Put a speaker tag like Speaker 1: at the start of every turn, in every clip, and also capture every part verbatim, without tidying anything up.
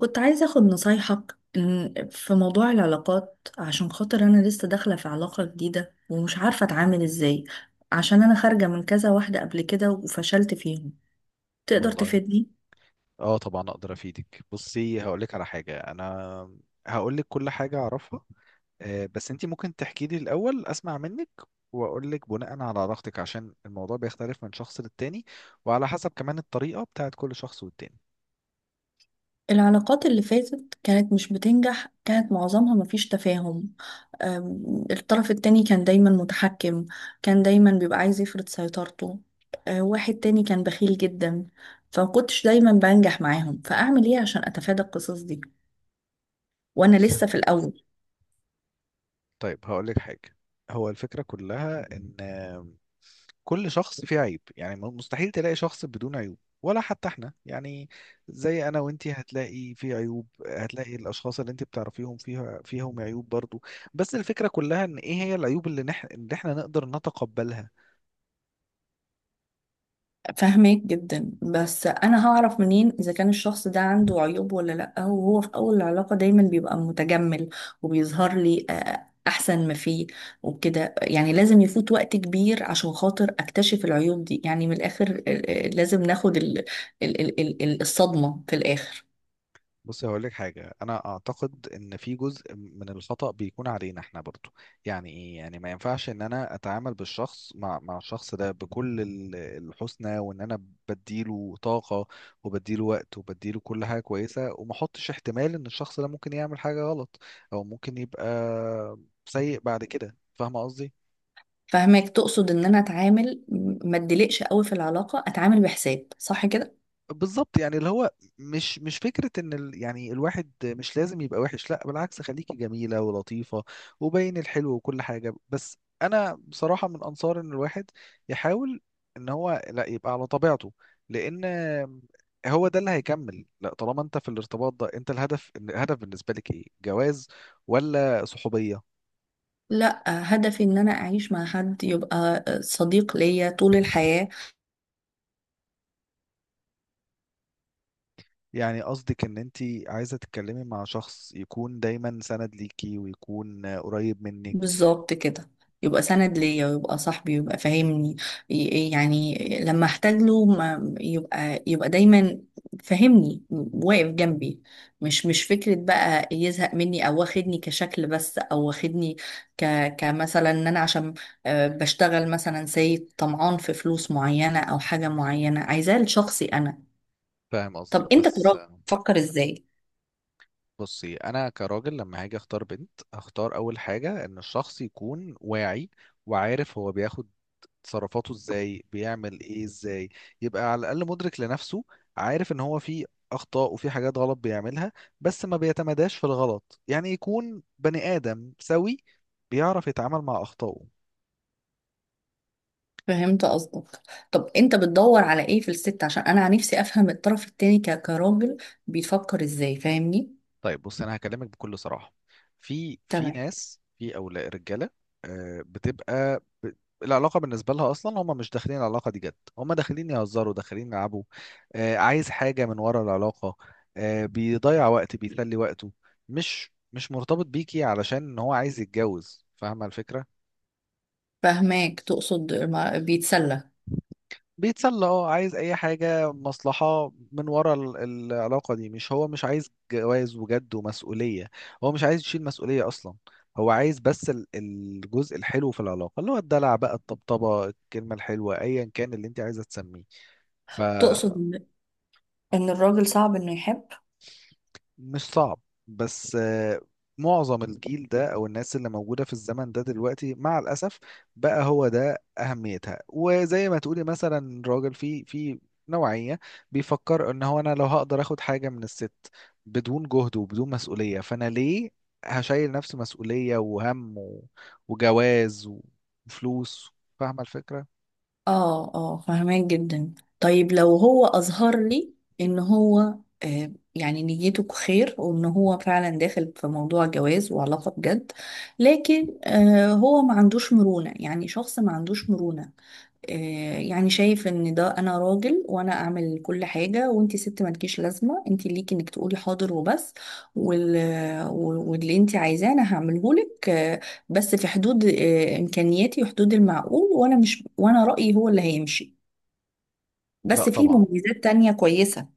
Speaker 1: كنت عايزة أخد نصايحك إن في موضوع العلاقات، عشان خاطر أنا لسه داخلة في علاقة جديدة ومش عارفة أتعامل إزاي. عشان أنا خارجة من كذا واحدة قبل كده وفشلت فيهم. تقدر
Speaker 2: والله،
Speaker 1: تفيدني؟
Speaker 2: اه طبعا اقدر افيدك. بصي، هقول لك على حاجه. انا هقول لك كل حاجه اعرفها. آه، بس انت ممكن تحكي لي الاول اسمع منك، واقول لك بناء على علاقتك عشان الموضوع بيختلف من شخص للتاني، وعلى حسب كمان الطريقه بتاعت كل شخص والتاني.
Speaker 1: العلاقات اللي فاتت كانت مش بتنجح، كانت معظمها مفيش تفاهم. أم، الطرف التاني كان دايما متحكم. كان دايما بيبقى عايز يفرض سيطرته. أه، واحد تاني كان بخيل جدا. فمكنتش دايما بنجح معاهم، فأعمل إيه عشان أتفادى القصص دي؟ وأنا
Speaker 2: بصي ه-
Speaker 1: لسه في الأول.
Speaker 2: طيب هقول لك حاجه. هو الفكره كلها ان كل شخص فيه عيب، يعني مستحيل تلاقي شخص بدون عيوب، ولا حتى احنا يعني. زي انا وانتي هتلاقي في عيوب، هتلاقي الاشخاص اللي انت بتعرفيهم فيها فيهم عيوب برضو. بس الفكرة كلها ان ايه هي العيوب اللي نح... اللي احنا نقدر نتقبلها.
Speaker 1: فاهمك جدا، بس انا هعرف منين اذا كان الشخص ده عنده عيوب ولا لا، وهو في اول العلاقة دايما بيبقى متجمل وبيظهر لي آه، احسن ما فيه. وكده يعني لازم يفوت وقت كبير عشان خاطر اكتشف العيوب دي، يعني من الاخر آه، آه، لازم ناخد ال ال ال ال ال- الصدمة في الاخر.
Speaker 2: بص هقول لك حاجة. أنا أعتقد إن في جزء من الخطأ بيكون علينا إحنا برضو. يعني إيه؟ يعني ما ينفعش إن أنا أتعامل بالشخص مع مع الشخص ده بكل ال- الحسنى، وإن أنا بديله طاقة وبديله وقت وبديله كل حاجة كويسة، وما أحطش احتمال إن الشخص ده ممكن يعمل حاجة غلط، أو ممكن يبقى سيء بعد كده. فاهمة قصدي؟
Speaker 1: فاهمك، تقصد ان انا اتعامل م- ما اتدلقش قوي في العلاقة، اتعامل بحساب صح كده.
Speaker 2: بالظبط. يعني اللي هو مش مش فكرة ان ال يعني الواحد مش لازم يبقى وحش، لا بالعكس، خليكي جميلة ولطيفة وبين الحلو وكل حاجة. بس انا بصراحة من انصار ان الواحد يحاول ان هو لا يبقى على طبيعته، لان هو ده اللي هيكمل. لا طالما انت في الارتباط ده، انت الهدف، الهدف بالنسبة لك ايه، جواز ولا صحوبية؟
Speaker 1: لا، هدفي ان انا اعيش مع حد يبقى آه، صديق ليا طول الحياة.
Speaker 2: يعني قصدك ان انت عايزة تتكلمي مع شخص يكون دايما سند ليكي ويكون قريب منك.
Speaker 1: بالظبط كده. يبقى سند ليا ويبقى صاحبي ويبقى فاهمني. ي- يعني لما احتاج له ما يبقى يبقى دايما فاهمني واقف جنبي. مش مش فكرة بقى يزهق مني او واخدني كشكل بس، او واخدني ك كمثلا ان انا عشان آه، بشتغل مثلا سيد طمعان في فلوس معينة او حاجة معينة، عايزاه لشخصي انا.
Speaker 2: فاهم
Speaker 1: طب
Speaker 2: قصدك.
Speaker 1: انت
Speaker 2: بس
Speaker 1: كراجل تفكر ازاي؟
Speaker 2: بصي انا كراجل لما هاجي اختار بنت هختار اول حاجه ان الشخص يكون واعي، وعارف هو بياخد تصرفاته ازاي، بيعمل ايه ازاي، يبقى على الاقل مدرك لنفسه، عارف ان هو في اخطاء وفي حاجات غلط بيعملها، بس ما بيتمداش في الغلط. يعني يكون بني ادم سوي بيعرف يتعامل مع اخطائه.
Speaker 1: فهمت قصدك. طب انت بتدور على ايه في الست؟ عشان انا نفسي افهم الطرف التاني ك- كراجل بيفكر ازاي، فاهمني؟
Speaker 2: طيب بص انا هكلمك بكل صراحه. في في
Speaker 1: تمام،
Speaker 2: ناس، في اولاد رجاله آه، بتبقى ب... العلاقه بالنسبه لها اصلا هم مش داخلين العلاقه دي جد، هم داخلين يهزروا، داخلين يلعبوا. آه، عايز حاجه من ورا العلاقه، آه، بيضيع وقت، بيسلي وقته. مش مش مرتبط بيكي علشان ان هو عايز يتجوز. فاهمه الفكره؟
Speaker 1: فاهماك، تقصد ما- بيتسلى.
Speaker 2: بيتسلى، اه، عايز اي حاجة، مصلحة من ورا ال- العلاقة دي. مش هو مش عايز جواز وجد ومسؤولية، هو مش عايز يشيل مسؤولية اصلا. هو عايز بس ال- الجزء الحلو في العلاقة، اللي هو الدلع بقى، الطبطبة، الكلمة الحلوة، ايا كان اللي انت عايزة تسميه.
Speaker 1: تقصد ان إن الراجل صعب انه يحب؟
Speaker 2: مش صعب، بس آه، معظم الجيل ده او الناس اللي موجوده في الزمن ده دلوقتي، مع الاسف، بقى هو ده اهميتها. وزي ما تقولي مثلا راجل في في نوعيه بيفكر ان هو انا لو هقدر اخد حاجه من الست بدون جهد وبدون مسؤوليه، فانا ليه هشيل نفسي مسؤوليه وهم و- وجواز وفلوس؟ فاهمه الفكره؟
Speaker 1: اه، اه، فاهماك جدا. طيب لو هو اظهر لي ان هو آه يعني نيته خير وان هو فعلا داخل في موضوع جواز وعلاقة بجد، لكن آه هو ما عندوش مرونة، يعني شخص ما عندوش مرونة، آه، يعني شايف ان ده انا راجل وانا اعمل كل حاجه، وانتي ست مالكيش لازمه، انتي ليكي انك تقولي حاضر وبس، وال... و- واللي انتي عايزاه انا هعمله لك، آه، بس في حدود آه، امكانياتي وحدود المعقول، وانا مش وانا رايي هو اللي هيمشي،
Speaker 2: لا
Speaker 1: بس في
Speaker 2: طبعا،
Speaker 1: مميزات تانية كويسه.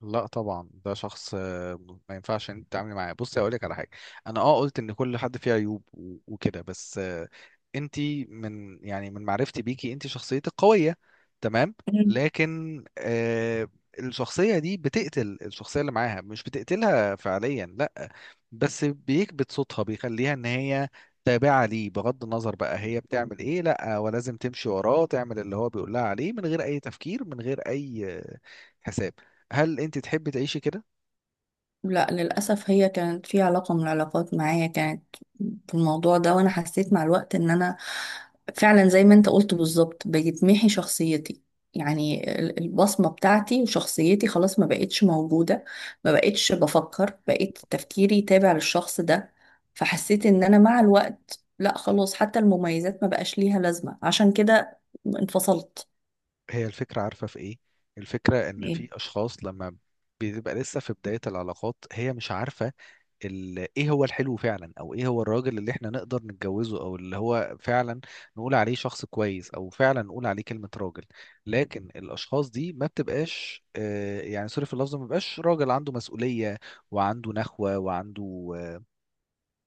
Speaker 2: لا طبعا، ده شخص آه، ما ينفعش انت تتعاملي معاه. بصي اقول لك على حاجه، انا اه قلت ان كل حد فيه عيوب و- وكده، بس آه، انت من، يعني من معرفتي بيكي، انت شخصيتك قويه، تمام، لكن آه الشخصيه دي بتقتل الشخصيه اللي معاها، مش بتقتلها فعليا لا، بس بيكبت صوتها، بيخليها ان هي تابعة ليه بغض النظر بقى هي بتعمل ايه، لا ولازم تمشي وراه، تعمل اللي هو بيقول لها عليه من غير اي تفكير، من غير اي آه، حساب. هل انت تحبي تعيشي كده؟
Speaker 1: لا، للأسف هي كانت في علاقة من العلاقات معايا، كانت في الموضوع ده، وأنا حسيت مع الوقت إن أنا فعلا زي ما أنت قلت بالظبط بيتمحي شخصيتي. يعني ال- البصمة بتاعتي وشخصيتي خلاص ما بقتش موجودة. ما بقتش بفكر، بقيت تفكيري تابع للشخص ده. فحسيت إن أنا مع الوقت لا خلاص، حتى المميزات ما بقاش ليها لازمة، عشان كده انفصلت.
Speaker 2: هي الفكره، عارفه في ايه؟ الفكره ان في
Speaker 1: إيه؟
Speaker 2: اشخاص لما بتبقى لسه في بدايه العلاقات هي مش عارفه ال... ايه هو الحلو فعلا، او ايه هو الراجل اللي احنا نقدر نتجوزه، او اللي هو فعلا نقول عليه شخص كويس، او فعلا نقول عليه كلمه راجل. لكن الاشخاص دي ما بتبقاش، آه يعني سوري في اللفظ، ما بيبقاش راجل عنده مسؤوليه، وعنده نخوه، وعنده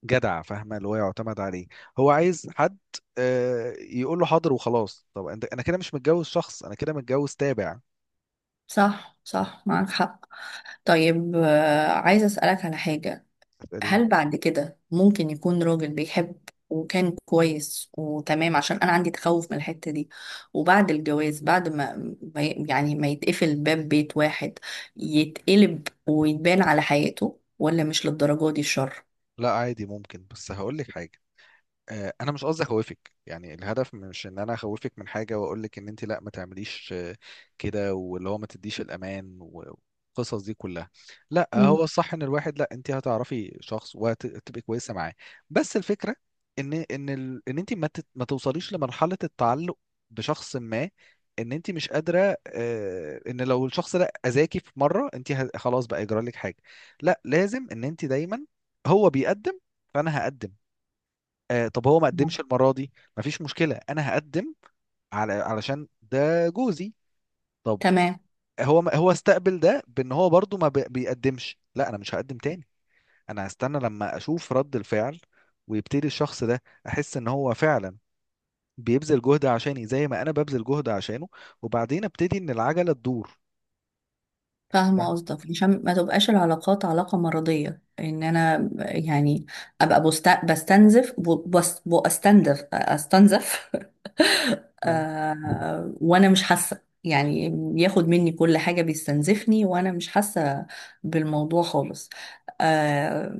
Speaker 2: جدع، فاهمه اللي هو يعتمد عليه. هو عايز حد آه، يقول له حاضر وخلاص. طب انت انا كده مش متجوز شخص، انا كده متجوز تابع.
Speaker 1: صح، صح، معاك حق. طيب، آه، عايزة أسألك على حاجة.
Speaker 2: تسألين.
Speaker 1: هل بعد كده ممكن يكون راجل بيحب، وكان كويس وتمام؟ عشان انا عندي تخوف من الحتة دي. وبعد الجواز، بعد ما ما ي- يعني ما يتقفل باب بيت واحد يتقلب ويتبان على حياته، ولا مش للدرجة دي الشر؟
Speaker 2: لا عادي ممكن، بس هقول لك حاجه. آه، انا مش قصدي اخوفك، يعني الهدف مش ان انا اخوفك من حاجه واقول لك ان انت لا ما تعمليش آه، كده، واللي هو ما تديش الامان والقصص دي كلها. لا،
Speaker 1: مم.
Speaker 2: هو الصح ان الواحد، لا انت هتعرفي شخص وهتبقي كويسه معاه. بس الفكره ان ان ال... ان انت ما تت... ما توصليش لمرحله التعلق بشخص ما، ان انت مش قادره. آه، ان لو الشخص ده اذاكي في مره انت ه... خلاص بقى يجرى لك حاجه، لا. لازم ان انت دايما هو بيقدم فانا هقدم، آه طب هو ما قدمش
Speaker 1: نعم.
Speaker 2: المرة دي، مفيش مشكلة أنا هقدم، على علشان ده جوزي. طب
Speaker 1: تمام.
Speaker 2: هو ما هو استقبل ده بأن هو برضو ما بي- بيقدمش، لا أنا مش هقدم تاني، أنا هستنى لما أشوف رد الفعل، ويبتدي الشخص ده أحس إن هو فعلا بيبذل جهد عشاني زي ما أنا ببذل جهد عشانه، وبعدين أبتدي إن العجلة تدور.
Speaker 1: فاهمة
Speaker 2: فاهم؟
Speaker 1: قصدك، عشان ما تبقاش العلاقات علاقة مرضية، ان انا يعني ابقى بست... بستنزف ب- بس... بستنزف استنزف
Speaker 2: اه،
Speaker 1: آه وانا مش حاسه، يعني بياخد مني كل حاجه بيستنزفني وانا مش حاسه بالموضوع خالص. آه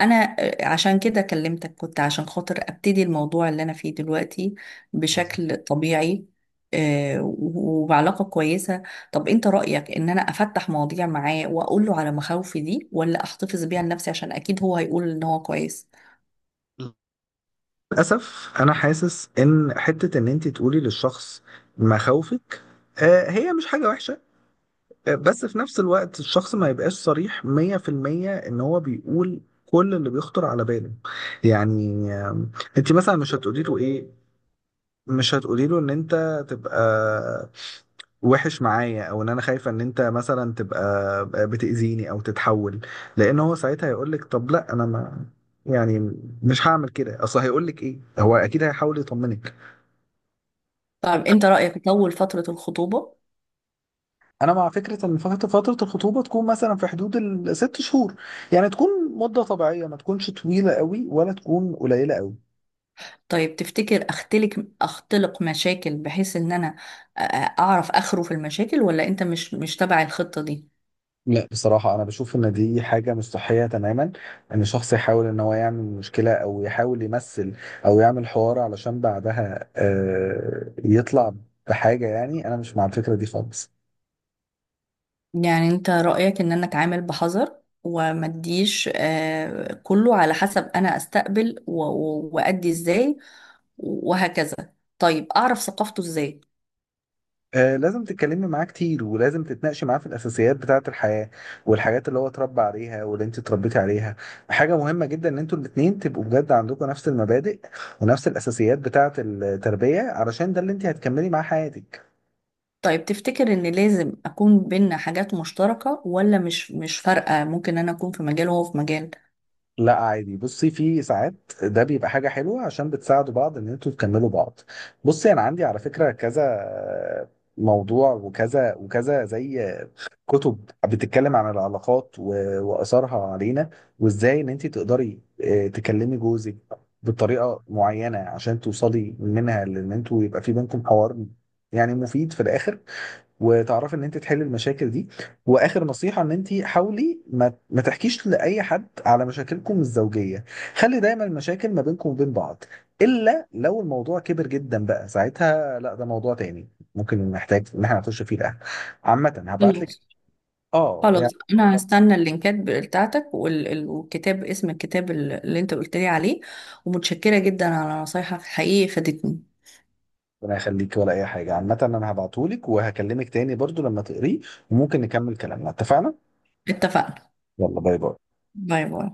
Speaker 1: انا عشان كده كلمتك، كنت عشان خاطر ابتدي الموضوع اللي انا فيه دلوقتي
Speaker 2: بالظبط.
Speaker 1: بشكل طبيعي، آه وبعلاقه كويسه. طب انت رايك ان انا افتح مواضيع معاه واقول له على مخاوفي دي، ولا احتفظ بيها لنفسي؟ عشان اكيد هو هيقول ان هو كويس.
Speaker 2: للأسف أنا حاسس إن حتة إن أنت تقولي للشخص مخاوفك آه، هي مش حاجة وحشة، بس في نفس الوقت الشخص ما يبقاش صريح مية في المية ان هو بيقول كل اللي بيخطر على باله. يعني آم، انت مثلا مش هتقولي له ايه، مش هتقولي له ان انت تبقى وحش معايا، او ان انا خايفه ان انت مثلا تبقى بتأذيني او تتحول، لان هو ساعتها هيقول لك طب لا انا ما، يعني مش هعمل كده، اصل هيقول لك ايه، هو اكيد هيحاول يطمنك.
Speaker 1: طب انت رايك اطول فتره الخطوبه؟
Speaker 2: انا مع فكره ان فتره فتره الخطوبه تكون مثلا في حدود الست شهور، يعني تكون مده طبيعيه، ما تكونش طويله قوي ولا تكون قليله قوي.
Speaker 1: طيب تفتكر اختلق اختلق مشاكل بحيث ان انا آه، اعرف اخره في المشاكل، ولا انت مش مش تبع الخطة دي؟
Speaker 2: لا بصراحه انا بشوف ان دي حاجه مش صحيه تماما، ان شخص يحاول ان هو يعمل مشكله، او يحاول يمثل او يعمل حوار علشان بعدها آه، يطلع بحاجه. يعني انا مش مع الفكره دي خالص.
Speaker 1: يعني انت رأيك ان انا اتعامل بحذر وما اديش آه، كله على حسب انا استقبل و- و- وادي ازاي، وهكذا؟ طيب اعرف ثقافته ازاي؟
Speaker 2: آه، لازم تتكلمي معاه كتير، ولازم تتناقشي معاه في الاساسيات بتاعه الحياه، والحاجات اللي هو اتربى عليها واللي انت اتربيتي عليها. حاجه مهمه جدا ان انتوا الاتنين تبقوا بجد عندكم نفس المبادئ، ونفس الاساسيات بتاعه التربيه، علشان ده اللي انت هتكملي معاه حياتك.
Speaker 1: طيب تفتكر ان لازم اكون بينا حاجات مشتركة، ولا مش مش فارقة؟ ممكن انا اكون في مجال وهو في مجال.
Speaker 2: لا عادي، بصي في ساعات ده بيبقى حاجه حلوه عشان بتساعدوا بعض، ان انتوا تكملوا بعض. بصي انا عندي على فكره كذا آه، موضوع، وكذا وكذا، زي كتب بتتكلم عن العلاقات و- واثارها علينا، وازاي ان انت تقدري آه، تكلمي جوزك بطريقه معينه، عشان توصلي منها لان انتوا يبقى في بينكم حوار، يعني مفيد في الاخر، وتعرفي ان انت تحلي المشاكل دي. واخر نصيحه، ان انت حاولي ما ما تحكيش لاي حد على مشاكلكم الزوجيه. خلي دايما المشاكل ما بينكم وبين بعض، الا لو الموضوع كبر جدا، بقى ساعتها لا، ده موضوع تاني ممكن نحتاج ان احنا نخش فيه. ده عامة هبعت.
Speaker 1: خلاص.
Speaker 2: اه
Speaker 1: خلاص
Speaker 2: يعني،
Speaker 1: انا هستنى اللينكات بتاعتك وال- ال- والكتاب، اسم الكتاب ال- اللي انت قلت لي عليه. ومتشكرة جدا على نصايحك، حقيقي فادتني.
Speaker 2: ربنا يخليك، ولا اي حاجه، عامه انا هبعتهولك، وهكلمك تاني برضو لما تقريه، وممكن نكمل كلامنا. اتفقنا.
Speaker 1: اتفقنا.
Speaker 2: يلا باي باي.
Speaker 1: باي باي.